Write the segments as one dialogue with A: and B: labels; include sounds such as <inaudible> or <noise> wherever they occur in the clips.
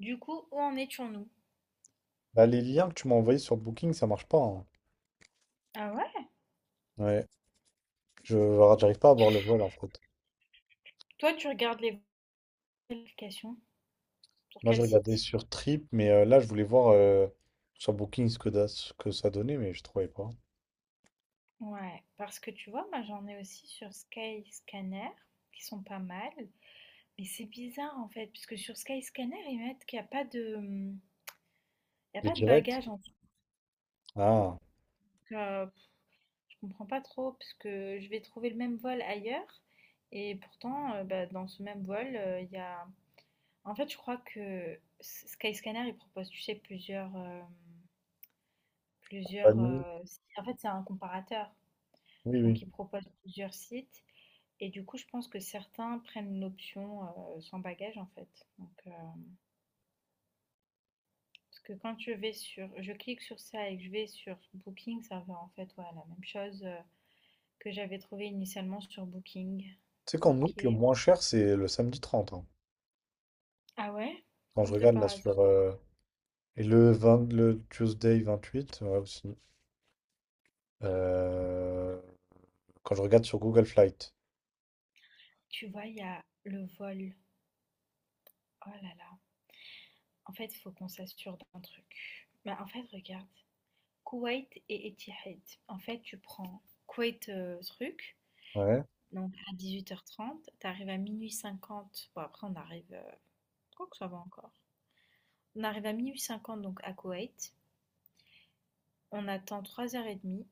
A: Du coup, où en étions-nous?
B: Bah, les liens que tu m'as envoyés sur Booking, ça marche pas, hein.
A: Ah ouais?
B: Ouais, je enfin, j'arrive pas à voir le vol en fait.
A: Toi, tu regardes les vérifications sur
B: Moi, je
A: quel
B: regardais
A: site?
B: sur Trip, mais là, je voulais voir sur Booking ce que ça donnait, mais je trouvais pas.
A: Ouais, parce que tu vois, moi j'en ai aussi sur Skyscanner, qui sont pas mal, mais c'est bizarre en fait, puisque sur Skyscanner, ils mettent qu'il n'y a pas de, il y a
B: De
A: pas de
B: direct?
A: bagages en tout
B: Ah,
A: cas. Je comprends pas trop, parce que je vais trouver le même vol ailleurs, et pourtant, bah, dans ce même vol, il y a... En fait, je crois que Skyscanner, il propose, tu sais, plusieurs... euh, Plusieurs,
B: compagnie.
A: heu, si en fait, c'est un comparateur,
B: Oui, oui.
A: donc il propose plusieurs sites et du coup, je pense que certains prennent l'option, sans bagage, en fait, donc parce que quand je clique sur ça et que je vais sur Booking, ça va, en fait, ouais, la même chose, que j'avais trouvé initialement sur Booking.
B: Tu sais qu'en
A: OK.
B: août, le moins cher, c'est le samedi 30, hein.
A: Ah ouais?
B: Quand je
A: Comme de
B: regarde là
A: par hasard.
B: sur... Et le 20, le Tuesday 28, ouais aussi. Euh, Quand je regarde sur Google Flight.
A: Tu vois, il y a le vol. Oh là là. En fait, il faut qu'on s'assure d'un truc. Bah, en fait, regarde. Koweït et Etihad. En fait, tu prends Koweït, truc,
B: Ouais,
A: donc à 18h30, tu arrives à 12h50, bon après on arrive, que ça va encore. On arrive à 12h50 donc à Koweït, on attend 3h30,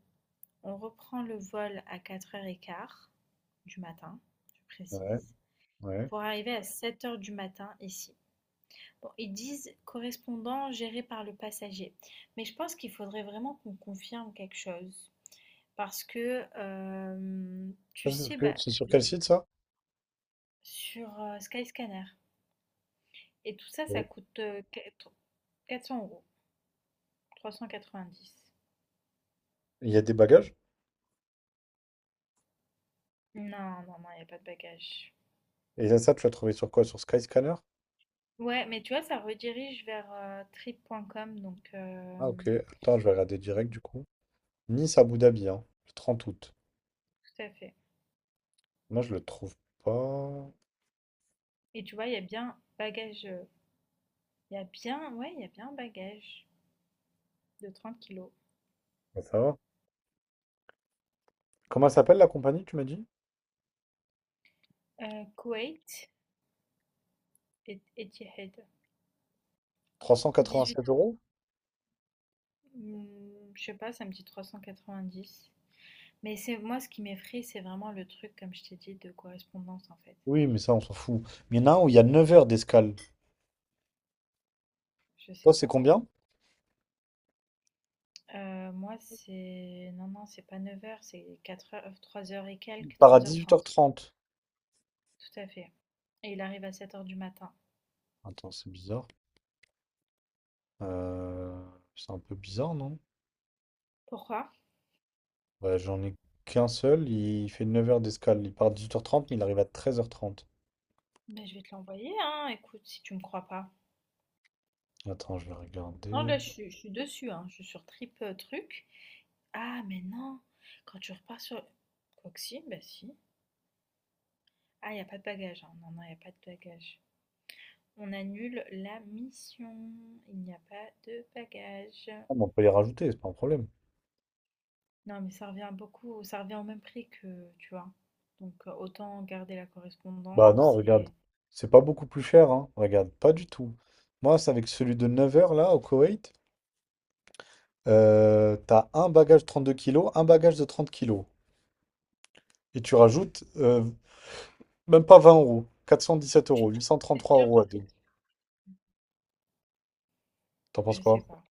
A: on reprend le vol à 4h15 du matin, je
B: ouais,
A: précise,
B: ouais.
A: pour arriver à 7 heures du matin ici. Bon, ils disent correspondant géré par le passager, mais je pense qu'il faudrait vraiment qu'on confirme quelque chose. Parce que, tu
B: Ça, C'est sur
A: sais,
B: que-
A: bah,
B: c'est sur quel site, ça?
A: sur, Skyscanner et tout ça, ça
B: Ouais.
A: coûte, quatre 400 €, 390.
B: Il y a des bagages?
A: Non, non, non, il y a pas de bagages.
B: Et là, ça, tu l'as trouvé sur quoi? Sur Skyscanner?
A: Ouais, mais tu vois, ça redirige vers, trip.com, donc
B: Ah, ok. Attends, je vais regarder direct du coup. Nice Abu Dhabi, hein, le 30 août.
A: tout à fait
B: Moi, je le trouve pas.
A: et tu vois, il y a bien bagage il y a bien un bagage de 30 kilos.
B: Ouais, ça va. Comment elle s'appelle la compagnie, tu m'as dit?
A: Koweït et Etihad,
B: Trois cent
A: 18
B: quatre-vingt-sept
A: €.
B: euros?
A: Mmh, je sais pas, ça me dit 390. Mais c'est moi ce qui m'effraie, c'est vraiment le truc, comme je t'ai dit, de correspondance en fait.
B: Oui, mais ça, on s'en fout. Mais il y en a un où il y a 9 heures d'escale.
A: Je sais
B: Toi, c'est
A: pas.
B: combien?
A: Moi, c'est. Non, non, c'est pas 9 heures, c'est 4 heures 3 heures et
B: Il
A: quelques,
B: part à
A: 3h30.
B: 18h30.
A: Tout à fait. Et il arrive à 7 heures du matin.
B: Attends, c'est bizarre. Euh, C'est un peu bizarre, non?
A: Pourquoi?
B: Ouais, j'en ai qu'un seul. Il fait 9 heures d'escale. Il part à 18h30, mais il arrive à 13h30.
A: Mais je vais te l'envoyer, hein, écoute, si tu me crois pas.
B: Attends, je vais
A: Non,
B: regarder.
A: là, je suis dessus, hein, je suis sur Trip Truc. Ah, mais non, quand tu repars sur. Quoi que si, bah si. Ah, il n'y a pas de bagage, hein. Non, non, il n'y a pas de bagage. On annule la mission. Il n'y a pas de bagages.
B: Ah, mais on peut les rajouter, c'est pas un problème.
A: Non, mais ça revient beaucoup, ça revient au même prix que, tu vois. Donc autant garder la
B: Bah non,
A: correspondance
B: regarde.
A: et
B: C'est pas beaucoup plus cher, hein. Regarde, pas du tout. Moi, c'est avec celui de 9 heures, là, au Koweït. T'as un bagage de 32 kilos, un bagage de 30 kilos. Et tu rajoutes même pas 20 euros. Quatre cent dix sept
A: tu
B: euros, huit cent trente
A: c'est
B: trois
A: sûr
B: euros à
A: parce
B: deux.
A: que
B: T'en penses
A: je sais
B: quoi?
A: pas,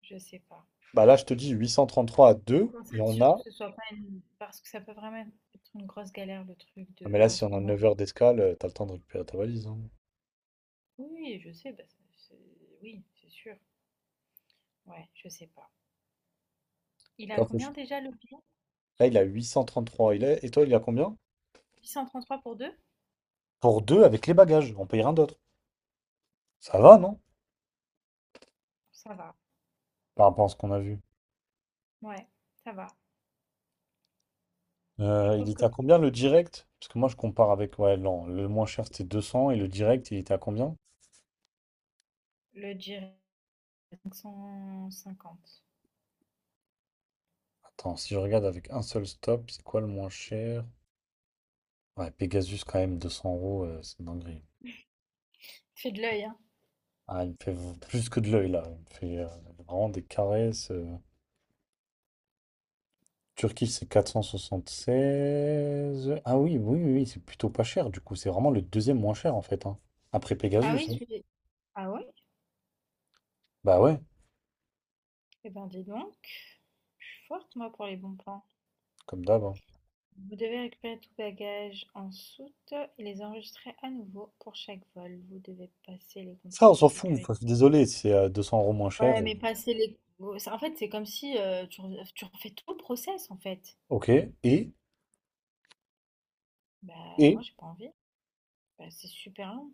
A: je sais pas.
B: Bah là, je te dis 833 à
A: Faut
B: deux.
A: qu'on
B: Et on
A: s'assure que
B: a.
A: ce soit pas une parce que ça peut vraiment être une grosse galère le truc
B: Non,
A: de
B: mais là, si on a
A: correspondance.
B: 9 heures d'escale, t'as le temps de récupérer ta valise, hein.
A: Oui, oui, je sais, bah, oui, c'est sûr. Ouais, je sais pas. Il
B: Tu
A: a
B: vois,
A: combien déjà le billet?
B: là, il a 833. Il est... Et toi, il a combien?
A: 833 pour deux?
B: Pour deux, avec les bagages. On paye rien d'autre. Ça va, non?
A: Ça va.
B: Par rapport à ce qu'on a vu.
A: Ouais, ça va. Je
B: Il
A: trouve que
B: était à combien le direct? Parce que moi je compare avec ouais, non, le moins cher c'était 200 et le direct il était à combien?
A: le Jira, 550.
B: Attends, si je regarde avec un seul stop, c'est quoi le moins cher? Ouais, Pegasus quand même, 200 euros, c'est une dinguerie.
A: Fais de l'œil, hein.
B: Ah, il me fait plus que de l'œil là, il me fait vraiment des caresses. Turquie c'est 16. Ah oui, oui, oui, oui, c'est plutôt pas cher du coup, c'est vraiment le deuxième moins cher en fait, hein. Après
A: Ah
B: Pegasus,
A: oui,
B: hein.
A: celui. Ah ouais?
B: Bah ouais,
A: Eh ben, dis donc. Je suis forte, moi, pour les bons plans.
B: comme d'hab, hein.
A: Vous devez récupérer tout bagage en soute et les enregistrer à nouveau pour chaque vol. Vous devez passer les
B: Ça on
A: contrôles de
B: s'en fout,
A: sécurité.
B: enfin, je suis désolé, c'est 200 € moins cher.
A: Ouais, mais passer les... oh, En fait, c'est comme si tu refais tout le process, en fait.
B: Ok, et?
A: Bah,
B: Et
A: moi, j'ai pas envie. Bah, c'est super long.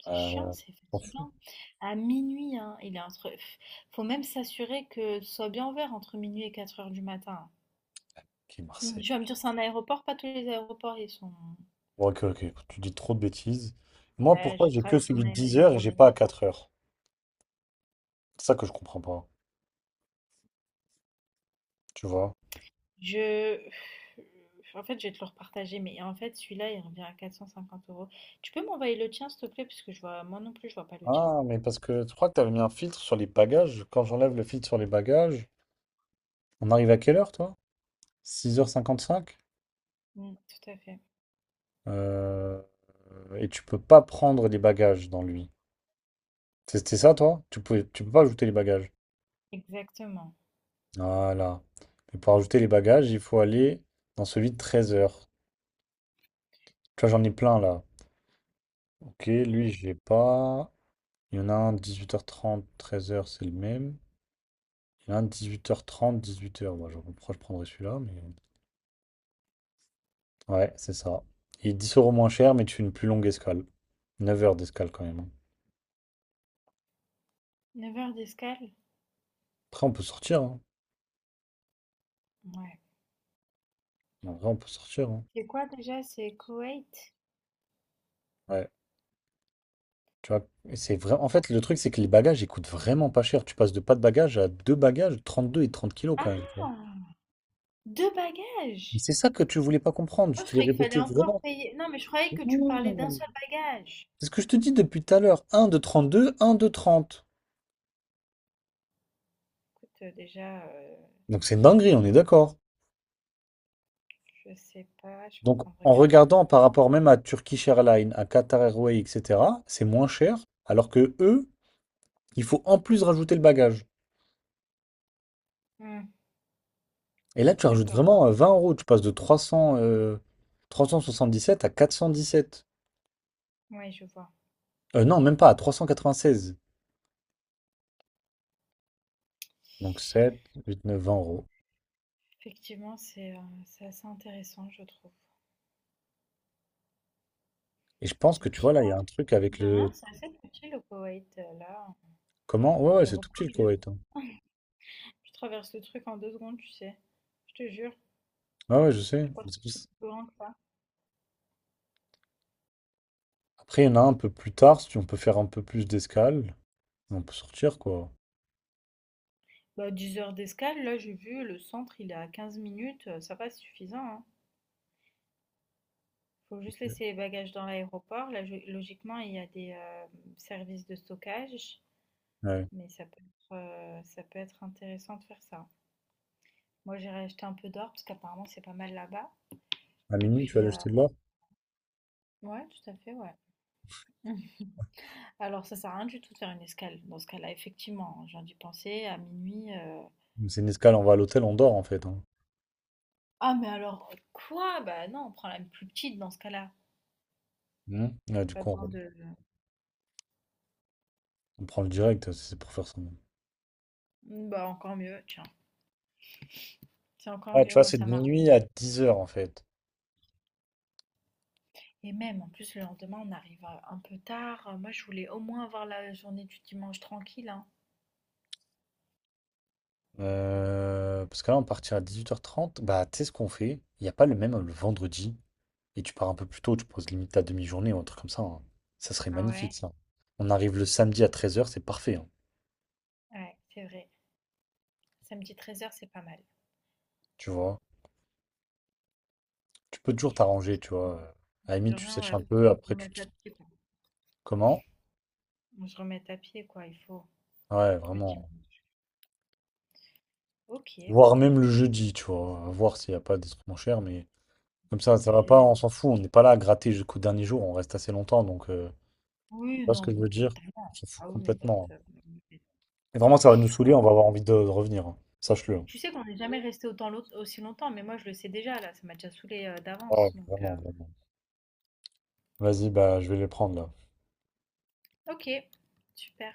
A: C'est chiant,
B: euh,
A: c'est
B: t'en fous,
A: fatigant. À minuit, hein, il est entre. Faut même s'assurer que ce soit bien ouvert entre minuit et 4 heures du matin.
B: qui est
A: Mm.
B: Marseille.
A: Tu vas me dire, c'est un aéroport, pas tous les aéroports, ils sont.
B: Bon, ok, ok, tu dis trop de bêtises. Moi,
A: Ben,
B: pourquoi
A: je
B: j'ai que
A: travaille
B: celui de 10 heures
A: dans
B: et
A: un
B: j'ai pas à
A: aéroport.
B: 4 heures. C'est ça que je comprends pas, tu vois.
A: Je. En fait, je vais te le repartager, mais en fait, celui-là, il revient à 450 euros. Tu peux m'envoyer le tien, s'il te plaît, parce que je vois. Moi non plus, je vois pas le tien.
B: Ah, mais parce que je crois que t'avais mis un filtre sur les bagages. Quand j'enlève le filtre sur les bagages, on arrive à quelle heure, toi? 6h55?
A: Mm, tout à fait.
B: Euh, et tu peux pas prendre les bagages dans lui. C'était ça, toi? Tu peux pas ajouter les bagages.
A: Exactement.
B: Voilà. Mais pour ajouter les bagages, il faut aller dans celui de 13 heures. Tu vois, j'en ai plein là. Ok, lui, j'ai pas. Il y en a un 18h30, 13h, c'est le même. Il y en a un 18h30, 18h. Moi, je pourquoi je prendrais celui-là, mais. Ouais, c'est ça. Il est 10 euros moins cher, mais tu fais une plus longue escale. 9 heures d'escale quand même, hein.
A: 9 heures d'escale?
B: Après, on peut sortir, hein.
A: Ouais.
B: En vrai, on peut sortir, hein.
A: C'est quoi déjà? C'est Koweït?
B: Ouais. Tu vois, et c'est vrai. En fait, le truc, c'est que les bagages, ils coûtent vraiment pas cher. Tu passes de pas de bagages à deux bagages, 32 et 30 kilos quand même, tu vois.
A: Ah! Deux
B: Mais
A: bagages?
B: c'est ça que tu voulais pas comprendre.
A: Moi,
B: Je
A: je
B: te l'ai
A: croyais qu'il
B: répété
A: fallait encore
B: vraiment.
A: payer. Non, mais je croyais que tu me parlais d'un
B: Non.
A: seul bagage.
B: C'est ce que je te dis depuis tout à l'heure. Un de 32, un de 30.
A: Écoute, déjà,
B: Donc c'est une dinguerie, on est d'accord.
A: je sais pas, je suis en
B: Donc
A: train de
B: en
A: regarder.
B: regardant par rapport même à Turkish Airlines, à Qatar Airways, etc., c'est moins cher, alors que eux, il faut en plus rajouter le bagage.
A: Hmm,
B: Et là, tu rajoutes
A: d'accord,
B: vraiment 20 euros, tu passes de 300, 377 à 417.
A: oui, je vois.
B: Non, même pas, à 396. Donc sept, huit, neuf, 20 euros.
A: Effectivement, c'est assez intéressant, je trouve.
B: Et je pense
A: C'est
B: que tu
A: petit,
B: vois, là, il y
A: hein?
B: a un truc avec
A: De
B: le...
A: rien, c'est assez petit le Koweït, là.
B: Comment? Ouais, ouais, c'est tout petit
A: L'aéroport,
B: le Koweït, hein.
A: je traverse le truc en 2 secondes, tu sais. Je te jure,
B: Ouais, ouais, je sais.
A: je crois que
B: C'est pour
A: c'est
B: ça.
A: plus grand que ça.
B: Après, il y en a un peu plus tard, si on peut faire un peu plus d'escale, on peut sortir, quoi.
A: Bah, 10 heures d'escale, là, j'ai vu, le centre, il est à 15 minutes, ça va, c'est suffisant, hein. Faut juste laisser les bagages dans l'aéroport. Là, logiquement, il y a des services de stockage,
B: Ouais.
A: mais ça peut être intéressant de faire ça. Moi, j'irai acheter un peu d'or parce qu'apparemment, c'est pas mal là-bas.
B: À
A: Et
B: minuit, tu vas
A: puis,
B: l'acheter de l'or?
A: ouais, tout à fait, ouais. <laughs> Alors, ça sert à rien du tout de faire une escale. Dans ce cas-là, effectivement, j'ai dû penser à minuit.
B: Mais c'est une escale, on va à l'hôtel, on dort en fait, hein.
A: Ah, mais alors, quoi? Bah non, on prend la plus petite dans ce cas-là.
B: Hmm. Ouais, du
A: Pas
B: coup,
A: besoin
B: on,
A: de.
B: on prend le direct, si c'est pour faire ça.
A: Bah, encore mieux, tiens. C'est encore
B: Ah, tu
A: mieux,
B: vois,
A: moi,
B: c'est
A: ça
B: de
A: m'a.
B: minuit à 10 heures en fait.
A: Et même, en plus, le lendemain, on arrive, un peu tard. Moi, je voulais au moins avoir la journée du dimanche tranquille, hein.
B: Parce que là, on partira à 18h30. Bah, tu sais ce qu'on fait? Il n'y a pas le même le vendredi. Et tu pars un peu plus tôt, tu poses limite ta demi-journée ou un truc comme ça, hein. Ça serait
A: Ah
B: magnifique
A: ouais?
B: ça. On arrive le samedi à 13 heures, c'est parfait, hein.
A: Ouais, c'est vrai. Samedi 13h c'est pas mal.
B: Tu vois? Tu peux toujours t'arranger, tu vois. À la
A: De
B: limite, tu
A: rien,
B: sèches
A: ouais,
B: un
A: faut
B: peu,
A: qu'on se
B: après tu...
A: remette à pied, quoi.
B: Comment?
A: On se remette à pied, quoi, il faut,
B: Ouais,
A: le
B: vraiment.
A: dimanche. OK.
B: Voire même le jeudi, tu vois. À voir s'il n'y a pas des trucs moins chers, mais comme
A: Ah
B: ça va pas,
A: puis
B: on s'en fout. On n'est pas là à gratter jusqu'au dernier jour, on reste assez longtemps, donc tu
A: oui,
B: vois ce que
A: non,
B: je
A: mais
B: veux dire? On
A: totalement.
B: s'en fout
A: Ah oui, on reste,
B: complètement, hein. Et vraiment, ça va nous
A: ah
B: saouler, on va
A: oui,
B: avoir envie de revenir, hein. Sache-le, hein.
A: tu sais qu'on n'est jamais resté autant long aussi longtemps, mais moi, je le sais déjà, là, ça m'a déjà saoulé
B: Ah ouais,
A: d'avance, donc,
B: vraiment, vraiment. Vas-y, bah je vais les prendre là.
A: OK, super.